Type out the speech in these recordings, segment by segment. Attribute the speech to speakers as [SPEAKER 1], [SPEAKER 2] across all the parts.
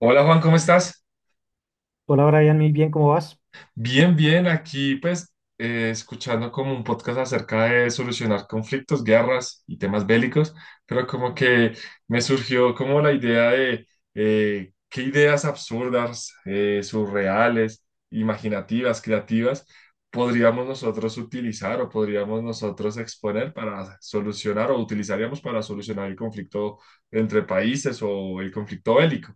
[SPEAKER 1] Hola Juan, ¿cómo estás?
[SPEAKER 2] Hola Brian, muy bien, ¿cómo vas?
[SPEAKER 1] Bien, bien, aquí pues escuchando como un podcast acerca de solucionar conflictos, guerras y temas bélicos, pero como que me surgió como la idea de qué ideas absurdas, surreales, imaginativas, creativas podríamos nosotros utilizar o podríamos nosotros exponer para solucionar o utilizaríamos para solucionar el conflicto entre países o el conflicto bélico.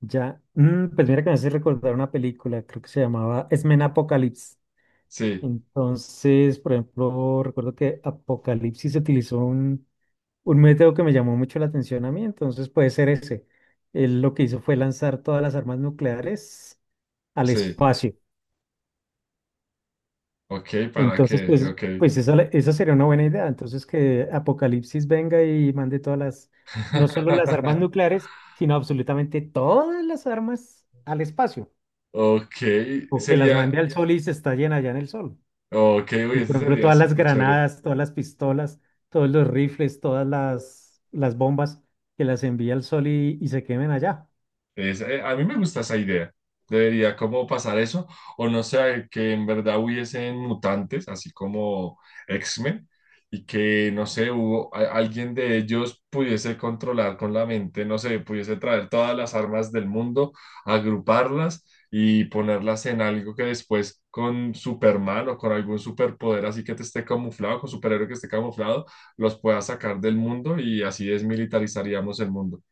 [SPEAKER 2] Ya, pues mira que me hace recordar una película, creo que se llamaba X-Men Apocalypse.
[SPEAKER 1] Sí,
[SPEAKER 2] Entonces, por ejemplo, recuerdo que Apocalipsis utilizó un método que me llamó mucho la atención a mí, entonces puede ser ese. Él lo que hizo fue lanzar todas las armas nucleares al
[SPEAKER 1] sí,
[SPEAKER 2] espacio.
[SPEAKER 1] ok, para
[SPEAKER 2] Entonces,
[SPEAKER 1] qué,
[SPEAKER 2] pues,
[SPEAKER 1] ok.
[SPEAKER 2] esa sería una buena idea. Entonces, que Apocalipsis venga y mande todas las, no solo las armas nucleares, sino absolutamente todas las armas al espacio.
[SPEAKER 1] Ok,
[SPEAKER 2] O que las
[SPEAKER 1] sería,
[SPEAKER 2] mande al sol y se estallen allá en el sol.
[SPEAKER 1] ok, uy,
[SPEAKER 2] Y, por
[SPEAKER 1] ese
[SPEAKER 2] ejemplo,
[SPEAKER 1] sería
[SPEAKER 2] todas las
[SPEAKER 1] súper chévere.
[SPEAKER 2] granadas, todas las pistolas, todos los rifles, todas las bombas que las envía al sol y se quemen allá.
[SPEAKER 1] A mí me gusta esa idea. Debería como pasar eso, o no sé, que en verdad hubiesen mutantes, así como X-Men, y que, no sé, alguien de ellos pudiese controlar con la mente, no sé, pudiese traer todas las armas del mundo, agruparlas y ponerlas en algo que después con Superman o con algún superpoder así que te esté camuflado, con superhéroe que esté camuflado, los pueda sacar del mundo y así desmilitarizaríamos el mundo.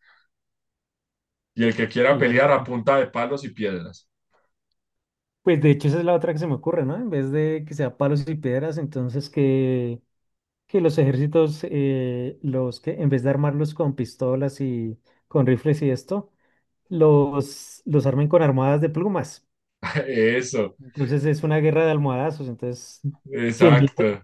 [SPEAKER 1] Y el que quiera
[SPEAKER 2] Claro.
[SPEAKER 1] pelear a punta de palos y piedras.
[SPEAKER 2] Pues de hecho esa es la otra que se me ocurre, ¿no? En vez de que sea palos y piedras, entonces que los ejércitos, los que en vez de armarlos con pistolas y con rifles y esto, los armen con almohadas de plumas.
[SPEAKER 1] Eso,
[SPEAKER 2] Entonces es una guerra de almohadazos. Entonces, 100.000
[SPEAKER 1] exacto.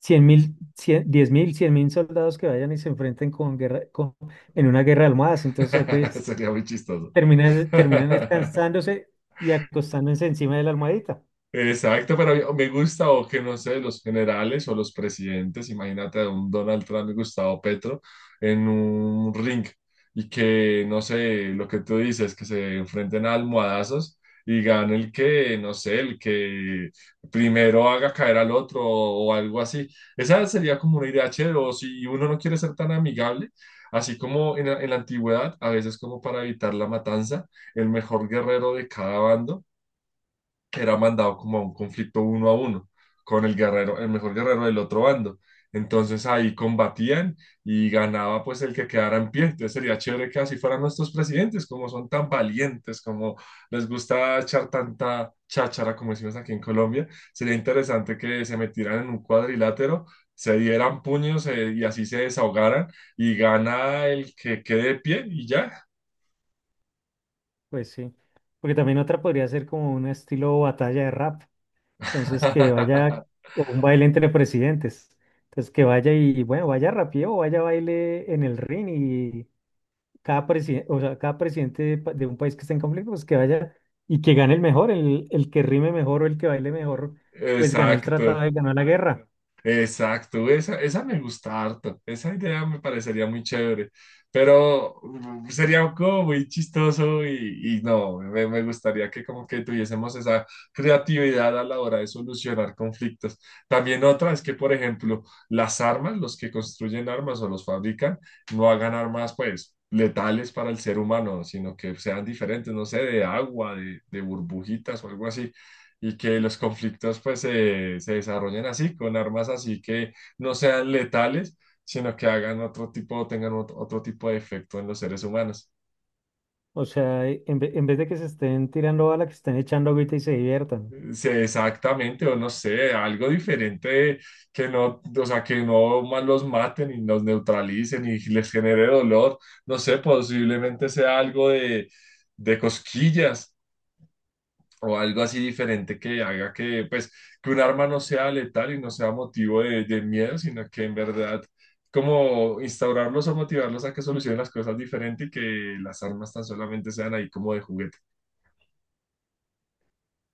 [SPEAKER 2] cien mil, 10.000, 100.000 soldados que vayan y se enfrenten con guerra, en una guerra de almohadas. Entonces ahí pues
[SPEAKER 1] Sería muy chistoso.
[SPEAKER 2] terminan, terminan descansándose y acostándose encima de la almohadita.
[SPEAKER 1] Exacto, pero me gusta o que no sé, los generales o los presidentes, imagínate a un Donald Trump y Gustavo Petro en un ring y que no sé, lo que tú dices, que se enfrenten a almohadazos y gane el que, no sé, el que primero haga caer al otro o algo así. Esa sería como una idea chévere, o si uno no quiere ser tan amigable, así como en la antigüedad, a veces como para evitar la matanza, el mejor guerrero de cada bando que era mandado como a un conflicto uno a uno con el guerrero, el mejor guerrero del otro bando. Entonces ahí combatían y ganaba pues el que quedara en pie. Entonces sería chévere que así fueran nuestros presidentes, como son tan valientes, como les gusta echar tanta cháchara, como decimos aquí en Colombia. Sería interesante que se metieran en un cuadrilátero, se dieran puños y así se desahogaran y gana el que quede de pie y ya.
[SPEAKER 2] Pues sí, porque también otra podría ser como un estilo batalla de rap. Entonces que vaya o un baile entre presidentes. Entonces que vaya y bueno, vaya rapeo, vaya baile en el ring cada presidente, o sea, cada presidente de un país que está en conflicto, pues que vaya y que gane el mejor, el que rime mejor o el que baile mejor, pues ganó el tratado
[SPEAKER 1] Exacto.
[SPEAKER 2] y ganó la guerra.
[SPEAKER 1] Exacto, esa me gusta harto, esa idea me parecería muy chévere, pero sería como muy chistoso y no, me gustaría que como que tuviésemos esa creatividad a la hora de solucionar conflictos. También otra es que, por ejemplo, las armas, los que construyen armas o los fabrican, no hagan armas pues letales para el ser humano, sino que sean diferentes, no sé, de agua, de burbujitas o algo así y que los conflictos pues se desarrollen así, con armas así que no sean letales, sino que hagan otro tipo, tengan otro, otro tipo de efecto en los seres humanos.
[SPEAKER 2] O sea, en vez de que se estén tirando bala, que se estén echando agüita y se diviertan.
[SPEAKER 1] Sí, exactamente, o no sé, algo diferente que no, o sea, que no más los maten y los neutralicen y les genere dolor, no sé, posiblemente sea algo de cosquillas o algo así diferente que haga que, pues, que un arma no sea letal y no sea motivo de miedo, sino que en verdad, como instaurarlos o motivarlos a que solucionen las cosas diferente y que las armas tan solamente sean ahí como de juguete.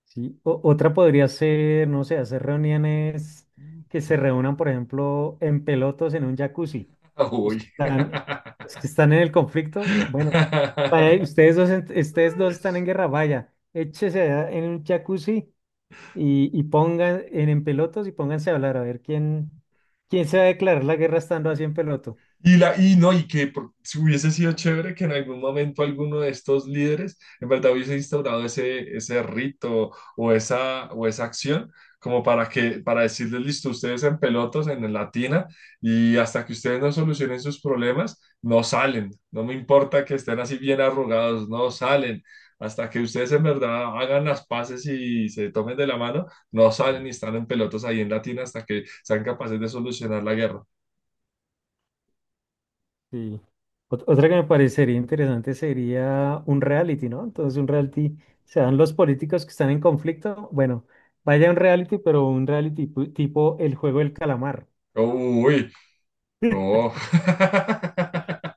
[SPEAKER 2] ¿Sí? Otra podría ser, no sé, hacer reuniones que se reúnan, por ejemplo, en pelotos en un jacuzzi. Los que
[SPEAKER 1] Uy.
[SPEAKER 2] están, los que están en el conflicto, bueno, vaya, ustedes dos, ustedes dos están en guerra, vaya, échese allá en un jacuzzi y pongan en pelotos y pónganse a hablar a ver quién se va a declarar la guerra estando así en peloto.
[SPEAKER 1] Y, la, y no, y que por- si hubiese sido chévere que en algún momento alguno de estos líderes en verdad hubiese instaurado ese, ese rito o esa acción como para que, para decirles, listo, ustedes en pelotos, en la tina, y hasta que ustedes no solucionen sus problemas, no salen. No me importa que estén así bien arrugados, no salen. Hasta que ustedes en verdad hagan las paces y se tomen de la mano, no salen y están en pelotos ahí en la tina hasta que sean capaces de solucionar la guerra.
[SPEAKER 2] Sí. Otra que me parecería interesante sería un reality, ¿no? Entonces un reality, se dan los políticos que están en conflicto, bueno, vaya un reality, pero un reality tipo el juego del calamar.
[SPEAKER 1] Uy, oh.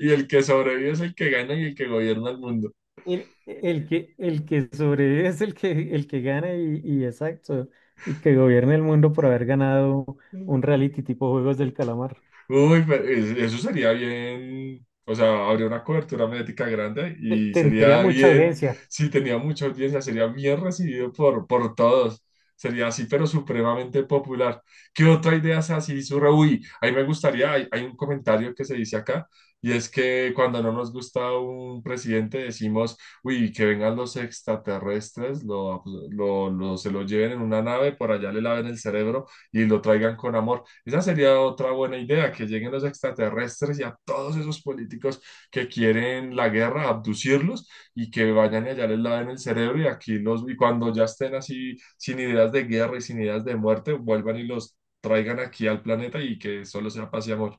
[SPEAKER 1] Y el que sobrevive es el que gana y el que gobierna el mundo.
[SPEAKER 2] El que sobrevive es el que gana y exacto, y que gobierne el mundo por haber ganado un reality tipo Juegos del Calamar.
[SPEAKER 1] Uy, pero es- eso sería bien, o sea, habría una cobertura mediática grande y
[SPEAKER 2] Tendría
[SPEAKER 1] sería
[SPEAKER 2] mucha
[SPEAKER 1] bien,
[SPEAKER 2] audiencia.
[SPEAKER 1] si tenía mucha audiencia, sería bien recibido por todos. Sería así, pero supremamente popular. ¿Qué otra idea es así? Surre, uy, ahí me gustaría, hay un comentario que se dice acá, y es que cuando no nos gusta un presidente decimos, uy, que vengan los extraterrestres, se lo lleven en una nave, por allá le laven el cerebro y lo traigan con amor. Esa sería otra buena idea, que lleguen los extraterrestres y a todos esos políticos que quieren la guerra, abducirlos y que vayan y allá les laven el cerebro y aquí los, y cuando ya estén así sin ideas de guerra y sin ideas de muerte, vuelvan y los traigan aquí al planeta y que solo sea paz y amor.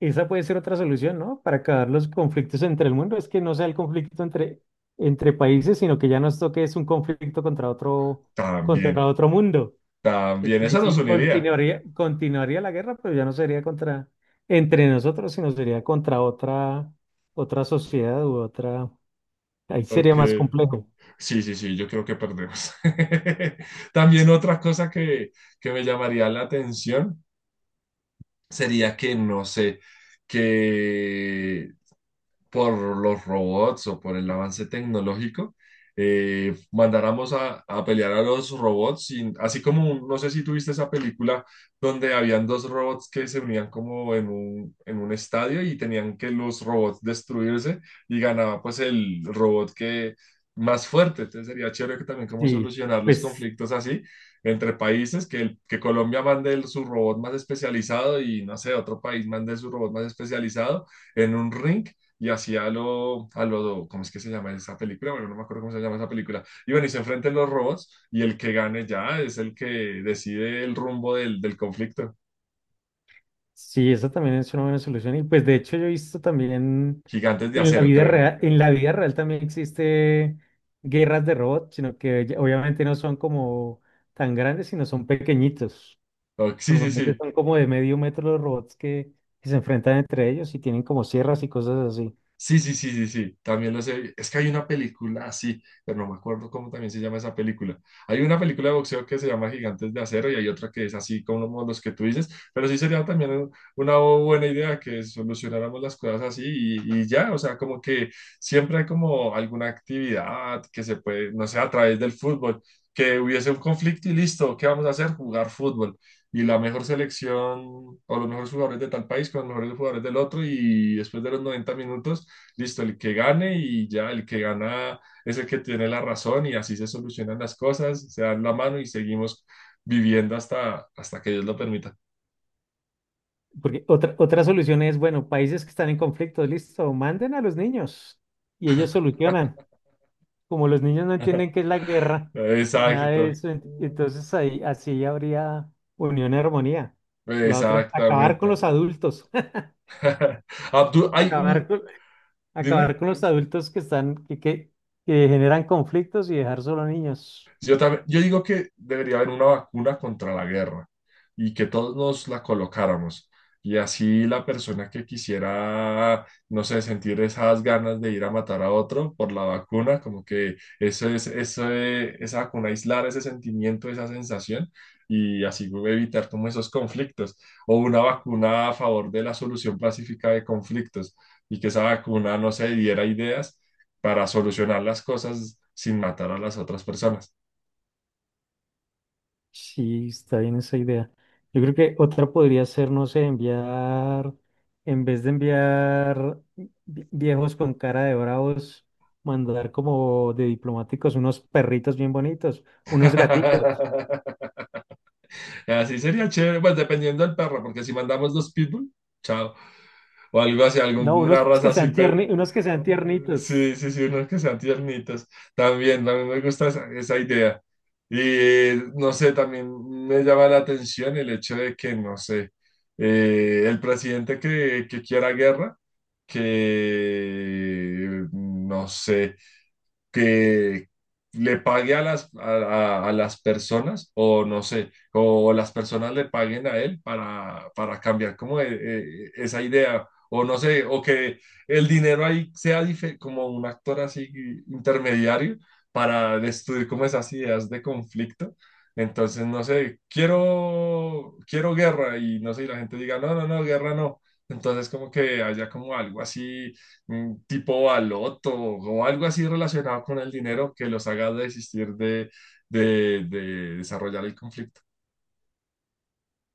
[SPEAKER 2] Esa puede ser otra solución, ¿no? Para acabar los conflictos entre el mundo, es que no sea el conflicto entre países, sino que ya nos toque es un conflicto
[SPEAKER 1] También,
[SPEAKER 2] contra otro mundo.
[SPEAKER 1] también,
[SPEAKER 2] Entonces, ahí
[SPEAKER 1] eso nos
[SPEAKER 2] sí
[SPEAKER 1] uniría.
[SPEAKER 2] continuaría, continuaría la guerra, pero ya no sería contra entre nosotros, sino sería contra otra, otra sociedad u otra. Ahí sería
[SPEAKER 1] Ok.
[SPEAKER 2] más complejo.
[SPEAKER 1] Sí, sí, sí, yo creo que perdemos. También otra cosa que me llamaría la atención sería que, no sé, que por los robots o por el avance tecnológico, mandáramos a pelear a los robots, sin- así como, un- no sé si tuviste esa película donde habían dos robots que se unían como en un estadio y tenían que los robots destruirse y ganaba pues el robot que más fuerte, entonces sería chévere que también como
[SPEAKER 2] Sí,
[SPEAKER 1] solucionar los
[SPEAKER 2] pues
[SPEAKER 1] conflictos así entre países, que, el- que Colombia mande el- su robot más especializado y no sé, otro país mande su robot más especializado en un ring y hacía lo, a lo, ¿cómo es que se llama esa película? Bueno, no me acuerdo cómo se llama esa película. Y bueno, y se enfrentan los robots y el que gane ya es el que decide el rumbo del, del conflicto.
[SPEAKER 2] sí, esa también es una buena solución. Y pues de hecho yo he visto también
[SPEAKER 1] Gigantes de
[SPEAKER 2] en la
[SPEAKER 1] Acero,
[SPEAKER 2] vida
[SPEAKER 1] creo.
[SPEAKER 2] real, en la vida real también existe guerras de robots, sino que obviamente no son como tan grandes, sino son pequeñitos.
[SPEAKER 1] O- sí, sí,
[SPEAKER 2] Normalmente
[SPEAKER 1] sí.
[SPEAKER 2] son como de medio metro los robots que se enfrentan entre ellos y tienen como sierras y cosas así.
[SPEAKER 1] Sí, sí, sí, sí, sí, también lo sé. Es que hay una película así, pero no me acuerdo cómo también se llama esa película. Hay una película de boxeo que se llama Gigantes de Acero y hay otra que es así como los que tú dices, pero sí sería también un- una buena idea que solucionáramos las cosas así y ya, o sea, como que siempre hay como alguna actividad que se puede, no sé, a través del fútbol, que hubiese un conflicto y listo, ¿qué vamos a hacer? Jugar fútbol. Y la mejor selección o los mejores jugadores de tal país con los mejores jugadores del otro y después de los 90 minutos listo, el que gane y ya el que gana es el que tiene la razón y así se solucionan las cosas, se dan la mano y seguimos viviendo hasta, hasta que Dios lo permita.
[SPEAKER 2] Porque otra solución es, bueno, países que están en conflicto, listo, manden a los niños y ellos solucionan. Como los niños no entienden qué es la guerra ni nada de
[SPEAKER 1] Exacto.
[SPEAKER 2] eso, entonces ahí así habría unión y armonía. La otra es acabar con
[SPEAKER 1] Exactamente.
[SPEAKER 2] los adultos,
[SPEAKER 1] Abdul, hay un,
[SPEAKER 2] acabar con, acabar
[SPEAKER 1] dime.
[SPEAKER 2] con los adultos que están, que generan conflictos y dejar solo niños.
[SPEAKER 1] Sí, yo también, yo digo que debería haber una vacuna contra la guerra y que todos nos la colocáramos. Y así la persona que quisiera, no sé, sentir esas ganas de ir a matar a otro por la vacuna, como que eso es- esa vacuna aislar ese sentimiento, esa sensación y así evitar como esos conflictos. O una vacuna a favor de la solución pacífica de conflictos y que esa vacuna, no se diera ideas para solucionar las cosas sin matar a las otras personas.
[SPEAKER 2] Sí, está bien esa idea. Yo creo que otra podría ser, no sé, enviar, en vez de enviar viejos con cara de bravos, mandar como de diplomáticos unos perritos bien bonitos, unos gaticos.
[SPEAKER 1] Así sería chévere, pues dependiendo del perro, porque si mandamos dos pitbull, chao, o algo así,
[SPEAKER 2] No,
[SPEAKER 1] alguna
[SPEAKER 2] unos
[SPEAKER 1] raza
[SPEAKER 2] que
[SPEAKER 1] así,
[SPEAKER 2] sean
[SPEAKER 1] pero
[SPEAKER 2] tierni, unos que sean tiernitos.
[SPEAKER 1] sí, sí, sí, unos que sean tiernitos. También, a mí me gusta esa, esa idea. Y no sé, también me llama la atención el hecho de que, no sé, el presidente que quiera guerra, que, no sé, que le pague a las personas o no sé, o las personas le paguen a él para cambiar como esa idea o no sé, o que el dinero ahí sea dife- como un actor así intermediario para destruir como esas ideas de conflicto. Entonces, no sé, quiero, quiero guerra y no sé, y la gente diga, no, no, no, guerra no. Entonces, como que haya como algo así tipo baloto o algo así relacionado con el dinero que los haga desistir de desarrollar el conflicto.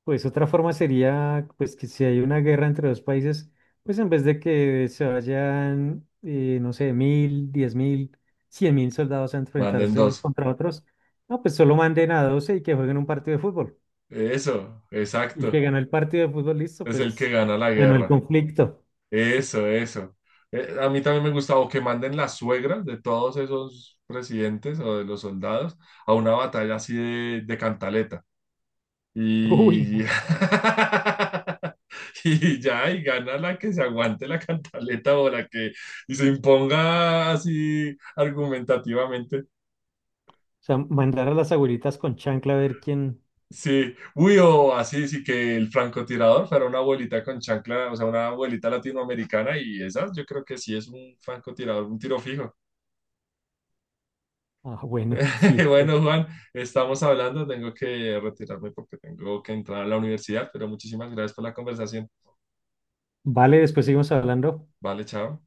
[SPEAKER 2] Pues otra forma sería, pues que si hay una guerra entre dos países, pues en vez de que se vayan, no sé, 1.000, 10.000, cien mil soldados a
[SPEAKER 1] Manden
[SPEAKER 2] enfrentarse unos
[SPEAKER 1] dos.
[SPEAKER 2] contra otros, no, pues solo manden a 12 y que jueguen un partido de fútbol.
[SPEAKER 1] Eso,
[SPEAKER 2] Y el que
[SPEAKER 1] exacto.
[SPEAKER 2] ganó el partido de fútbol, listo,
[SPEAKER 1] Es el que
[SPEAKER 2] pues
[SPEAKER 1] gana la
[SPEAKER 2] ganó el
[SPEAKER 1] guerra.
[SPEAKER 2] conflicto.
[SPEAKER 1] Eso, eso. A mí también me gusta o que manden las suegras de todos esos presidentes o de los soldados a una batalla así de cantaleta.
[SPEAKER 2] Uy, no, o
[SPEAKER 1] Y, y ya, y gana la que se aguante la cantaleta o la que se imponga así argumentativamente.
[SPEAKER 2] sea, mandar a las abuelitas con chancla a ver quién.
[SPEAKER 1] Sí, uy, o así, sí que el francotirador fuera una abuelita con chancla, o sea, una abuelita latinoamericana y esas yo creo que sí es un francotirador, un tiro fijo.
[SPEAKER 2] Ah, bueno, sí.
[SPEAKER 1] Bueno, Juan, estamos hablando, tengo que retirarme porque tengo que entrar a la universidad, pero muchísimas gracias por la conversación.
[SPEAKER 2] Vale, después seguimos hablando.
[SPEAKER 1] Vale, chao.